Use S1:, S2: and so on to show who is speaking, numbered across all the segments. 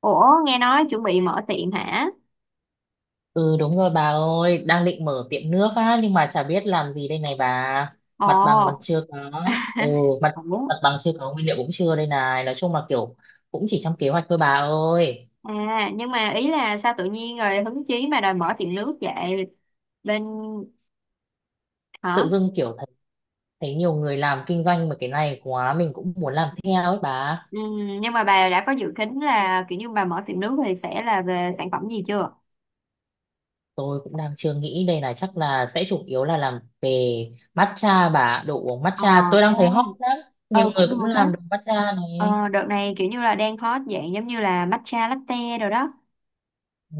S1: Ủa, nghe nói chuẩn bị mở tiệm hả?
S2: Ừ đúng rồi bà ơi, đang định mở tiệm nước á nhưng mà chả biết làm gì đây này bà. Mặt bằng còn
S1: Ồ,
S2: chưa có. Ừ, mặt
S1: Ủa?
S2: mặt bằng chưa có, nguyên liệu cũng chưa đây này. Nói chung là kiểu cũng chỉ trong kế hoạch thôi bà ơi.
S1: Nhưng mà ý là sao tự nhiên rồi hứng chí mà đòi mở tiệm nước vậy? Bên, Hả?
S2: Tự dưng kiểu thấy nhiều người làm kinh doanh mà cái này quá mình cũng muốn làm theo ấy bà.
S1: Ừ, nhưng mà bà đã có dự tính là kiểu như bà mở tiệm nước thì sẽ là về sản phẩm gì chưa?
S2: Tôi cũng đang chưa nghĩ đây này, chắc là sẽ chủ yếu là làm về matcha bà, đồ uống
S1: Ờ,
S2: matcha. Tôi đang
S1: à,
S2: thấy hot lắm. Nhiều
S1: ừ
S2: người
S1: cũng
S2: cũng
S1: được á.
S2: làm đồ matcha này.
S1: Ờ, đợt này kiểu như là đang hot dạng giống như là matcha latte rồi đó.
S2: Ừ.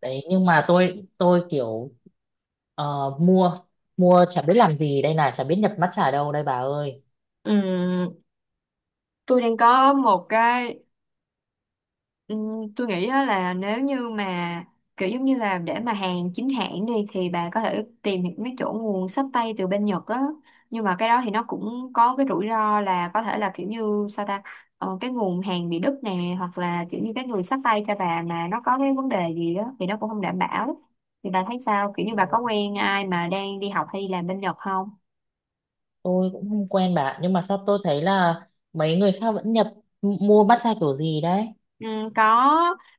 S2: Đấy nhưng mà tôi kiểu ờ, mua mua chả biết làm gì đây này, chả biết nhập matcha ở đâu đây bà ơi.
S1: ừm, tôi đang có một cái. Ừ, tôi nghĩ á là nếu như mà kiểu giống như là để mà hàng chính hãng đi thì bà có thể tìm những mấy chỗ nguồn xách tay từ bên Nhật á, nhưng mà cái đó thì nó cũng có cái rủi ro là có thể là kiểu như sao ta cái nguồn hàng bị đứt nè, hoặc là kiểu như cái người xách tay cho bà mà nó có cái vấn đề gì đó thì nó cũng không đảm bảo. Thì bà thấy sao, kiểu như bà có quen ai mà đang đi học hay đi làm bên Nhật không?
S2: Tôi cũng không quen bà, nhưng mà sao tôi thấy là mấy người khác vẫn nhập mua matcha kiểu gì đấy.
S1: Ừ, có,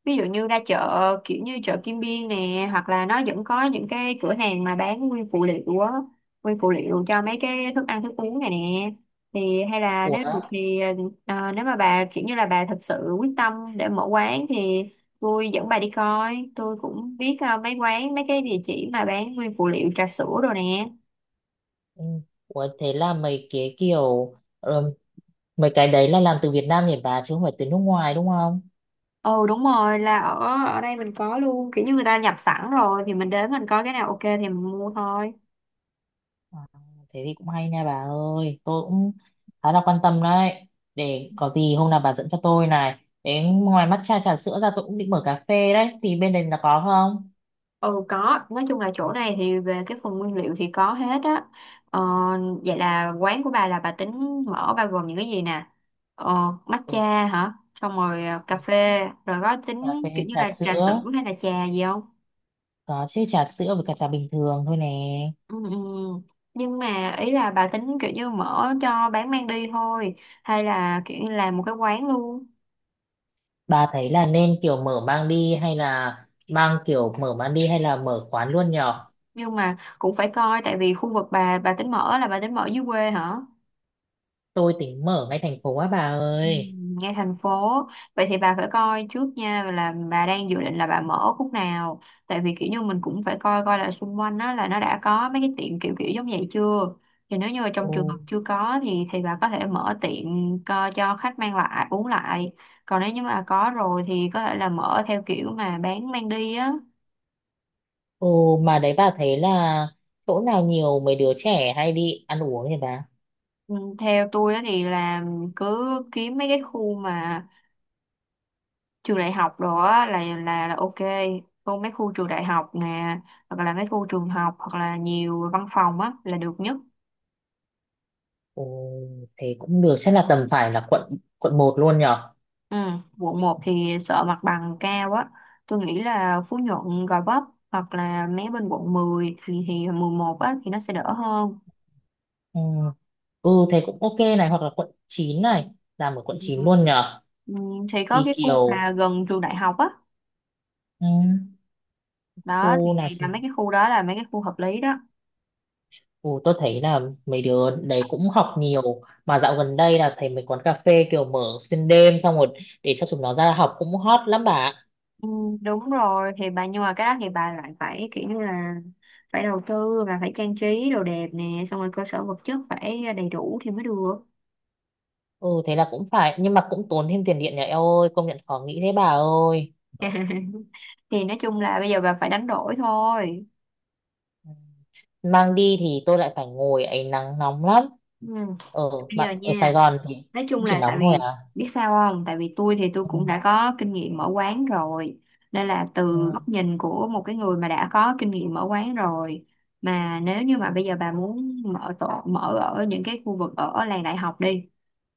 S1: ví dụ như ra chợ kiểu như chợ Kim Biên nè, hoặc là nó vẫn có những cái cửa hàng mà bán nguyên phụ liệu á, nguyên phụ liệu cho mấy cái thức ăn thức uống này nè. Thì hay là
S2: Ủa
S1: nếu được thì nếu mà bà kiểu như là bà thật sự quyết tâm để mở quán thì tôi dẫn bà đi coi, tôi cũng biết mấy quán, mấy cái địa chỉ mà bán nguyên phụ liệu trà sữa rồi nè.
S2: ừ, ủa thế là mấy cái kiểu ờ, mấy cái đấy là làm từ Việt Nam nhỉ bà, chứ không phải từ nước ngoài đúng không?
S1: Ồ đúng rồi, là ở ở đây mình có luôn, kiểu như người ta nhập sẵn rồi thì mình đến mình coi cái nào ok thì mình mua thôi.
S2: À, thế thì cũng hay nha bà ơi, tôi cũng khá là quan tâm đấy. Để có gì hôm nào bà dẫn cho tôi này, đến ngoài matcha trà sữa ra tôi cũng định mở cà phê đấy, thì bên đây là có không?
S1: Ừ có, nói chung là chỗ này thì về cái phần nguyên liệu thì có hết á. Ờ, vậy là quán của bà là bà tính mở bao gồm những cái gì nè? Ờ,
S2: Ừ.
S1: matcha hả? Xong rồi à, cà
S2: Ừ,
S1: phê, rồi có
S2: cà
S1: tính
S2: phê,
S1: kiểu như
S2: trà
S1: là trà
S2: sữa
S1: sữa hay là trà gì không?
S2: có chứ, trà sữa với cả trà bình thường thôi nè.
S1: Ừ. Nhưng mà ý là bà tính kiểu như mở cho bán mang đi thôi, hay là kiểu như làm một cái quán luôn.
S2: Bà thấy là nên kiểu mở mang đi hay là mang kiểu mở mang đi hay là mở quán luôn nhở?
S1: Nhưng mà cũng phải coi, tại vì khu vực bà tính mở là bà tính mở dưới quê hả?
S2: Tôi tính mở ngay thành phố á bà
S1: Ừ,
S2: ơi.
S1: ngay thành phố. Vậy thì bà phải coi trước nha, là bà đang dự định là bà mở khúc nào, tại vì kiểu như mình cũng phải coi coi là xung quanh đó là nó đã có mấy cái tiệm kiểu kiểu giống vậy chưa, thì nếu như mà trong
S2: Ồ.
S1: trường hợp chưa có thì bà có thể mở tiệm cho khách mang lại uống lại, còn nếu như mà có rồi thì có thể là mở theo kiểu mà bán mang đi á.
S2: Ồ mà đấy, bà thấy là chỗ nào nhiều mấy đứa trẻ hay đi ăn uống nhỉ bà?
S1: Ừ, theo tôi á thì là cứ kiếm mấy cái khu mà trường đại học đó á, là ok, còn mấy khu trường đại học nè, hoặc là mấy khu trường học, hoặc là nhiều văn phòng á là được nhất.
S2: Ồ, thế cũng được, chắc là tầm phải là quận quận một luôn nhở.
S1: Ừ. quận 1 thì sợ mặt bằng cao á, tôi nghĩ là Phú Nhuận, Gò Vấp hoặc là mấy bên quận 10 thì 11 á thì nó sẽ đỡ hơn.
S2: Ừ. Ừ, thế cũng ok này, hoặc là quận 9 này, làm ở quận
S1: Ừ.
S2: 9 luôn nhở.
S1: Ừ, thì có
S2: Đi
S1: cái khu
S2: kiểu,
S1: mà gần trường đại học á,
S2: ừ.
S1: đó
S2: Cô là,
S1: thì là mấy cái khu đó là mấy cái khu hợp lý đó.
S2: ừ, tôi thấy là mấy đứa đấy cũng học nhiều mà dạo gần đây là thấy mấy quán cà phê kiểu mở xuyên đêm, xong rồi để cho chúng nó ra học cũng hot lắm bà ạ.
S1: Ừ, đúng rồi thì bà, nhưng mà cái đó thì bà lại phải kiểu như là phải đầu tư và phải trang trí đồ đẹp nè, xong rồi cơ sở vật chất phải đầy đủ thì mới được.
S2: Ừ thế là cũng phải, nhưng mà cũng tốn thêm tiền điện nhà, eo ơi, công nhận khó nghĩ thế bà ơi.
S1: Thì nói chung là bây giờ bà phải đánh đổi thôi.
S2: Ừ. Mang đi thì tôi lại phải ngồi ấy, nắng nóng lắm.
S1: Ừ.
S2: Ở
S1: Bây giờ
S2: bạn ở Sài
S1: nha,
S2: Gòn thì
S1: nói chung
S2: cũng chỉ
S1: là tại
S2: nóng thôi à?
S1: vì biết sao không, tại vì tôi thì tôi
S2: Ừ,
S1: cũng đã có kinh nghiệm mở quán rồi, nên là từ góc
S2: ừ,
S1: nhìn của một cái người mà đã có kinh nghiệm mở quán rồi, mà nếu như mà bây giờ bà muốn mở tổ mở ở những cái khu vực ở làng đại học đi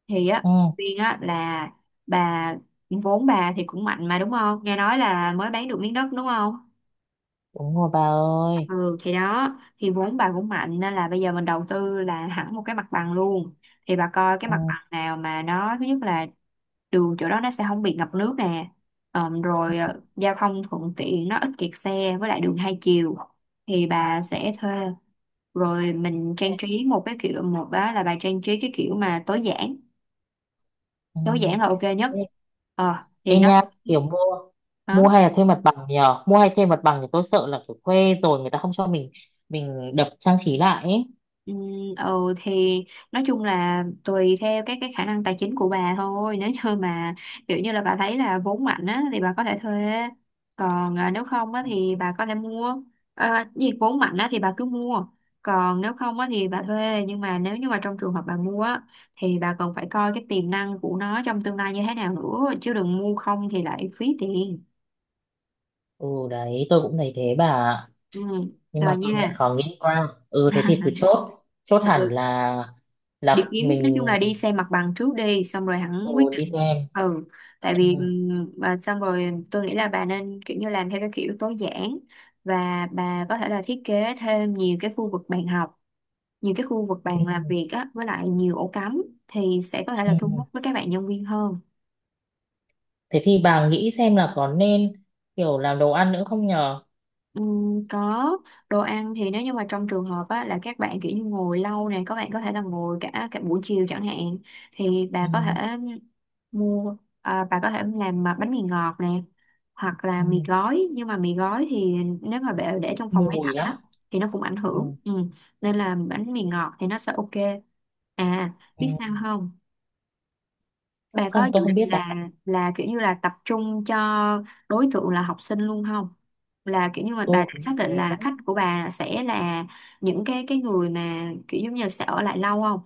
S1: thì á,
S2: ừ,
S1: Quyên á là bà, vốn bà thì cũng mạnh mà đúng không, nghe nói là mới bán được miếng đất đúng không.
S2: đúng rồi bà ơi.
S1: Ừ thì đó, thì vốn bà cũng mạnh, nên là bây giờ mình đầu tư là hẳn một cái mặt bằng luôn. Thì bà coi cái
S2: Ừ,
S1: mặt bằng nào mà nó thứ nhất là đường chỗ đó nó sẽ không bị ngập nước nè, giao thông thuận tiện, nó ít kẹt xe với lại đường hai chiều thì bà sẽ thuê, rồi mình
S2: ê,
S1: trang trí một cái kiểu, một đó là bà trang trí cái kiểu mà tối giản,
S2: ừ.
S1: tối giản là ok nhất.
S2: Ê,
S1: ờ thì
S2: ê
S1: nó
S2: nha, mua mua
S1: đó.
S2: hay là thuê mặt bằng nhờ, mua hay thuê mặt bằng thì tôi sợ là kiểu thuê rồi người ta không cho mình đập trang trí lại ấy.
S1: Ừ, ừ thì nói chung là tùy theo cái khả năng tài chính của bà thôi, nếu như mà kiểu như là bà thấy là vốn mạnh á thì bà có thể thuê, còn à, nếu không á thì bà có thể mua. À, gì vốn mạnh á thì bà cứ mua, còn nếu không á thì bà thuê, nhưng mà nếu như mà trong trường hợp bà mua á thì bà còn phải coi cái tiềm năng của nó trong tương lai như thế nào nữa, chứ đừng mua không thì lại phí tiền.
S2: Ừ đấy, tôi cũng thấy thế bà ạ.
S1: Ừ
S2: Nhưng
S1: rồi
S2: mà công nhận
S1: nha.
S2: khó nghĩ quá, ừ thế thì cứ chốt, chốt
S1: Ừ
S2: hẳn
S1: đi
S2: là
S1: kiếm, nói
S2: mình,
S1: chung là đi xem mặt bằng trước đi xong rồi hẳn
S2: ừ,
S1: quyết
S2: đi
S1: định.
S2: xem.
S1: Ừ tại
S2: Ừ,
S1: vì và xong rồi tôi nghĩ là bà nên kiểu như làm theo cái kiểu tối giản, và bà có thể là thiết kế thêm nhiều cái khu vực bàn học, nhiều cái khu vực
S2: ừ,
S1: bàn làm việc á với lại nhiều ổ cắm, thì sẽ có thể là thu
S2: ừ.
S1: hút với các bạn nhân viên hơn.
S2: Thế thì bà nghĩ xem là có nên kiểu làm đồ ăn nữa không nhờ?
S1: Có, đồ ăn thì nếu như mà trong trường hợp á, là các bạn kiểu như ngồi lâu nè, các bạn có thể là ngồi cả cả buổi chiều chẳng hạn thì
S2: Ừ,
S1: bà có thể mua à, bà có thể làm mà bánh mì ngọt nè, hoặc là
S2: ừ,
S1: mì gói, nhưng mà mì gói thì nếu mà bà để trong phòng máy
S2: mùi
S1: lạnh
S2: lắm.
S1: á thì nó cũng ảnh
S2: Ừ,
S1: hưởng ừ. Nên là bánh mì ngọt thì nó sẽ ok. À,
S2: ừ.
S1: biết sao không, bà có
S2: Không,
S1: dự
S2: tôi không
S1: định
S2: biết bà.
S1: là kiểu như là tập trung cho đối tượng là học sinh luôn không? Là kiểu như mà bà
S2: Tôi
S1: đã
S2: có
S1: xác
S2: như
S1: định
S2: thế
S1: là khách
S2: đấy.
S1: của bà sẽ là những cái người mà kiểu giống như là sẽ ở lại lâu không?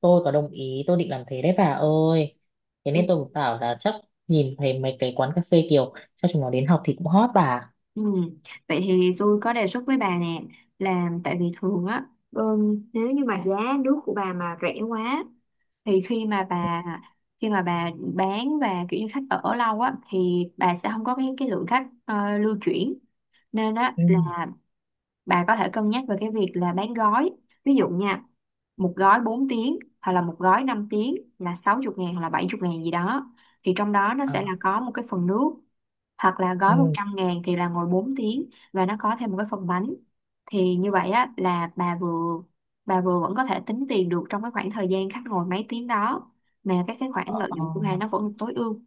S2: Tôi có đồng ý, tôi định làm thế đấy bà ơi. Thế nên
S1: Ừ.
S2: tôi cũng bảo là chắc nhìn thấy mấy cái quán cà phê kiểu cho chúng nó đến học thì cũng hot bà.
S1: Ừ. Vậy thì tôi có đề xuất với bà nè, là tại vì thường á nếu như mà giá nước của bà mà rẻ quá thì khi mà bà bán và kiểu như khách ở lâu á thì bà sẽ không có cái lượng khách lưu chuyển, nên á
S2: Ừ.
S1: là bà có thể cân nhắc về cái việc là bán gói. Ví dụ nha, một gói 4 tiếng hoặc là một gói 5 tiếng là 60 ngàn hoặc là 70 ngàn gì đó, thì trong đó nó sẽ là
S2: À,
S1: có một cái phần nước, hoặc là gói một
S2: ừ.
S1: trăm ngàn thì là ngồi 4 tiếng và nó có thêm một cái phần bánh. Thì như vậy á là bà vừa vẫn có thể tính tiền được trong cái khoảng thời gian khách ngồi mấy tiếng đó, mà các cái khoản lợi
S2: ờ.
S1: nhuận của bà nó vẫn tối ưu.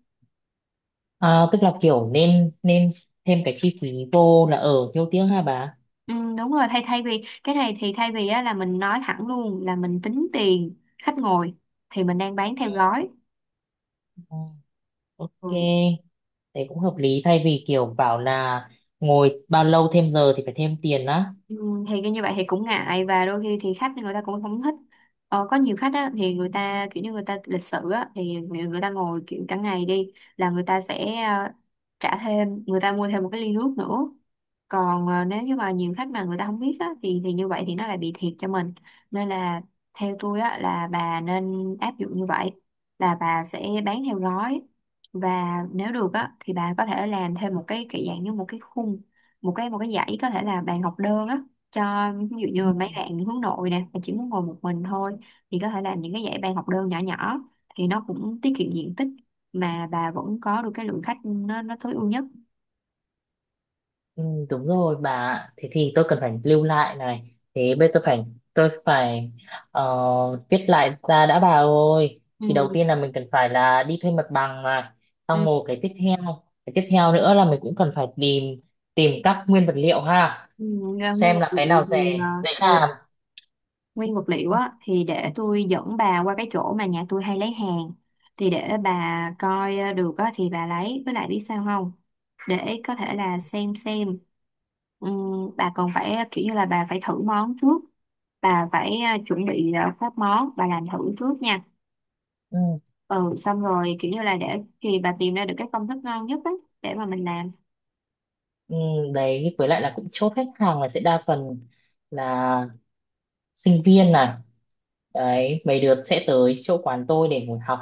S2: À, tức là kiểu nên nên thêm cái chi phí vô là ở nhiêu tiếng hả bà?
S1: Ừ, đúng rồi, thay thay vì cái này thì thay vì á, là mình nói thẳng luôn là mình tính tiền khách ngồi thì mình đang bán theo gói.
S2: Ừ, ok.
S1: Ừ.
S2: Thế cũng hợp lý, thay vì kiểu bảo là ngồi bao lâu thêm giờ thì phải thêm tiền á.
S1: Ừ, thì cái như vậy thì cũng ngại và đôi khi thì khách người ta cũng không thích. Ờ, có nhiều khách á, thì người ta kiểu như người ta lịch sự á, thì người, người ta ngồi kiểu cả ngày đi là người ta sẽ trả thêm, người ta mua thêm một cái ly nước nữa. Còn nếu như mà nhiều khách mà người ta không biết á, thì như vậy thì nó lại bị thiệt cho mình, nên là theo tôi á, là bà nên áp dụng như vậy, là bà sẽ bán theo gói. Và nếu được á, thì bà có thể làm thêm một cái kiểu dạng như một cái khung, một cái dãy có thể là bàn học đơn á, cho ví dụ như
S2: Ừ,
S1: là mấy bạn hướng nội nè mà chỉ muốn ngồi một mình thôi, thì có thể làm những cái dãy bàn học đơn nhỏ nhỏ thì nó cũng tiết kiệm diện tích, mà bà vẫn có được cái lượng khách nó tối ưu nhất.
S2: ừ, đúng rồi bà ạ. Thế thì tôi cần phải lưu lại này, thế bây giờ tôi phải tôi phải viết lại ra đã bà ơi. Thì đầu tiên
S1: Ừ,
S2: là mình cần phải là đi thuê mặt bằng này. Xong
S1: ừ,
S2: rồi cái tiếp theo, nữa là mình cũng cần phải tìm tìm các nguyên vật liệu ha,
S1: ừ. Nguyên
S2: xem
S1: vật
S2: là cái
S1: liệu
S2: nào rẻ
S1: thì
S2: dễ làm.
S1: nguyên vật liệu á thì để tôi dẫn bà qua cái chỗ mà nhà tôi hay lấy hàng, thì để bà coi được á thì bà lấy, với lại biết sao không, để có thể là xem. Bà còn phải kiểu như là bà phải thử món trước, bà phải chuẩn bị các món bà làm thử trước nha.
S2: Ừ,
S1: Ừ xong rồi kiểu như là để thì bà tìm ra được cái công thức ngon nhất á để mà mình làm.
S2: ừ, đấy với lại là cũng chốt khách hàng là sẽ đa phần là sinh viên à, đấy mấy đứa sẽ tới chỗ quán tôi để ngồi học,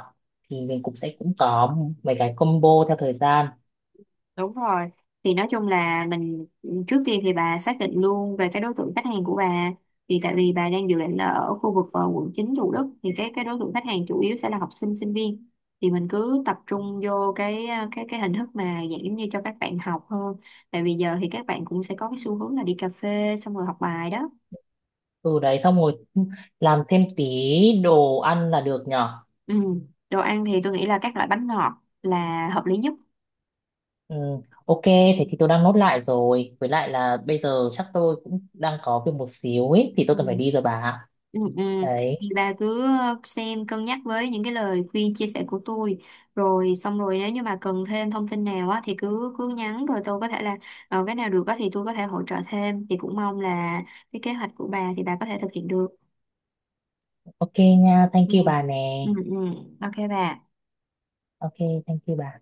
S2: thì mình cũng sẽ cũng có mấy cái combo theo thời gian.
S1: Đúng rồi. Thì nói chung là mình trước tiên thì bà xác định luôn về cái đối tượng khách hàng của bà. Thì tại vì bà đang dự định là ở khu vực quận 9 Thủ Đức thì cái đối tượng khách hàng chủ yếu sẽ là học sinh sinh viên. Thì mình cứ tập trung vô cái cái hình thức mà dạng giống như cho các bạn học hơn. Tại vì giờ thì các bạn cũng sẽ có cái xu hướng là đi cà phê xong rồi học bài đó.
S2: Ừ đấy xong rồi làm thêm tí đồ ăn là được nhở.
S1: Ừ. Đồ ăn thì tôi nghĩ là các loại bánh ngọt là hợp lý nhất.
S2: Ừ, ok thế thì tôi đang nốt lại rồi, với lại là bây giờ chắc tôi cũng đang có việc một xíu ấy thì tôi cần phải
S1: Ừ.
S2: đi rồi bà.
S1: Ừ.
S2: Đấy,
S1: Thì bà cứ xem cân nhắc với những cái lời khuyên chia sẻ của tôi, rồi xong rồi nếu như bà cần thêm thông tin nào á thì cứ cứ nhắn, rồi tôi có thể là cái nào được á thì tôi có thể hỗ trợ thêm, thì cũng mong là cái kế hoạch của bà thì bà có thể thực hiện được.
S2: ok nha, thank
S1: Ừ.
S2: you bà nè.
S1: Ừ, ừ. Ok bà
S2: Ok, thank you bà.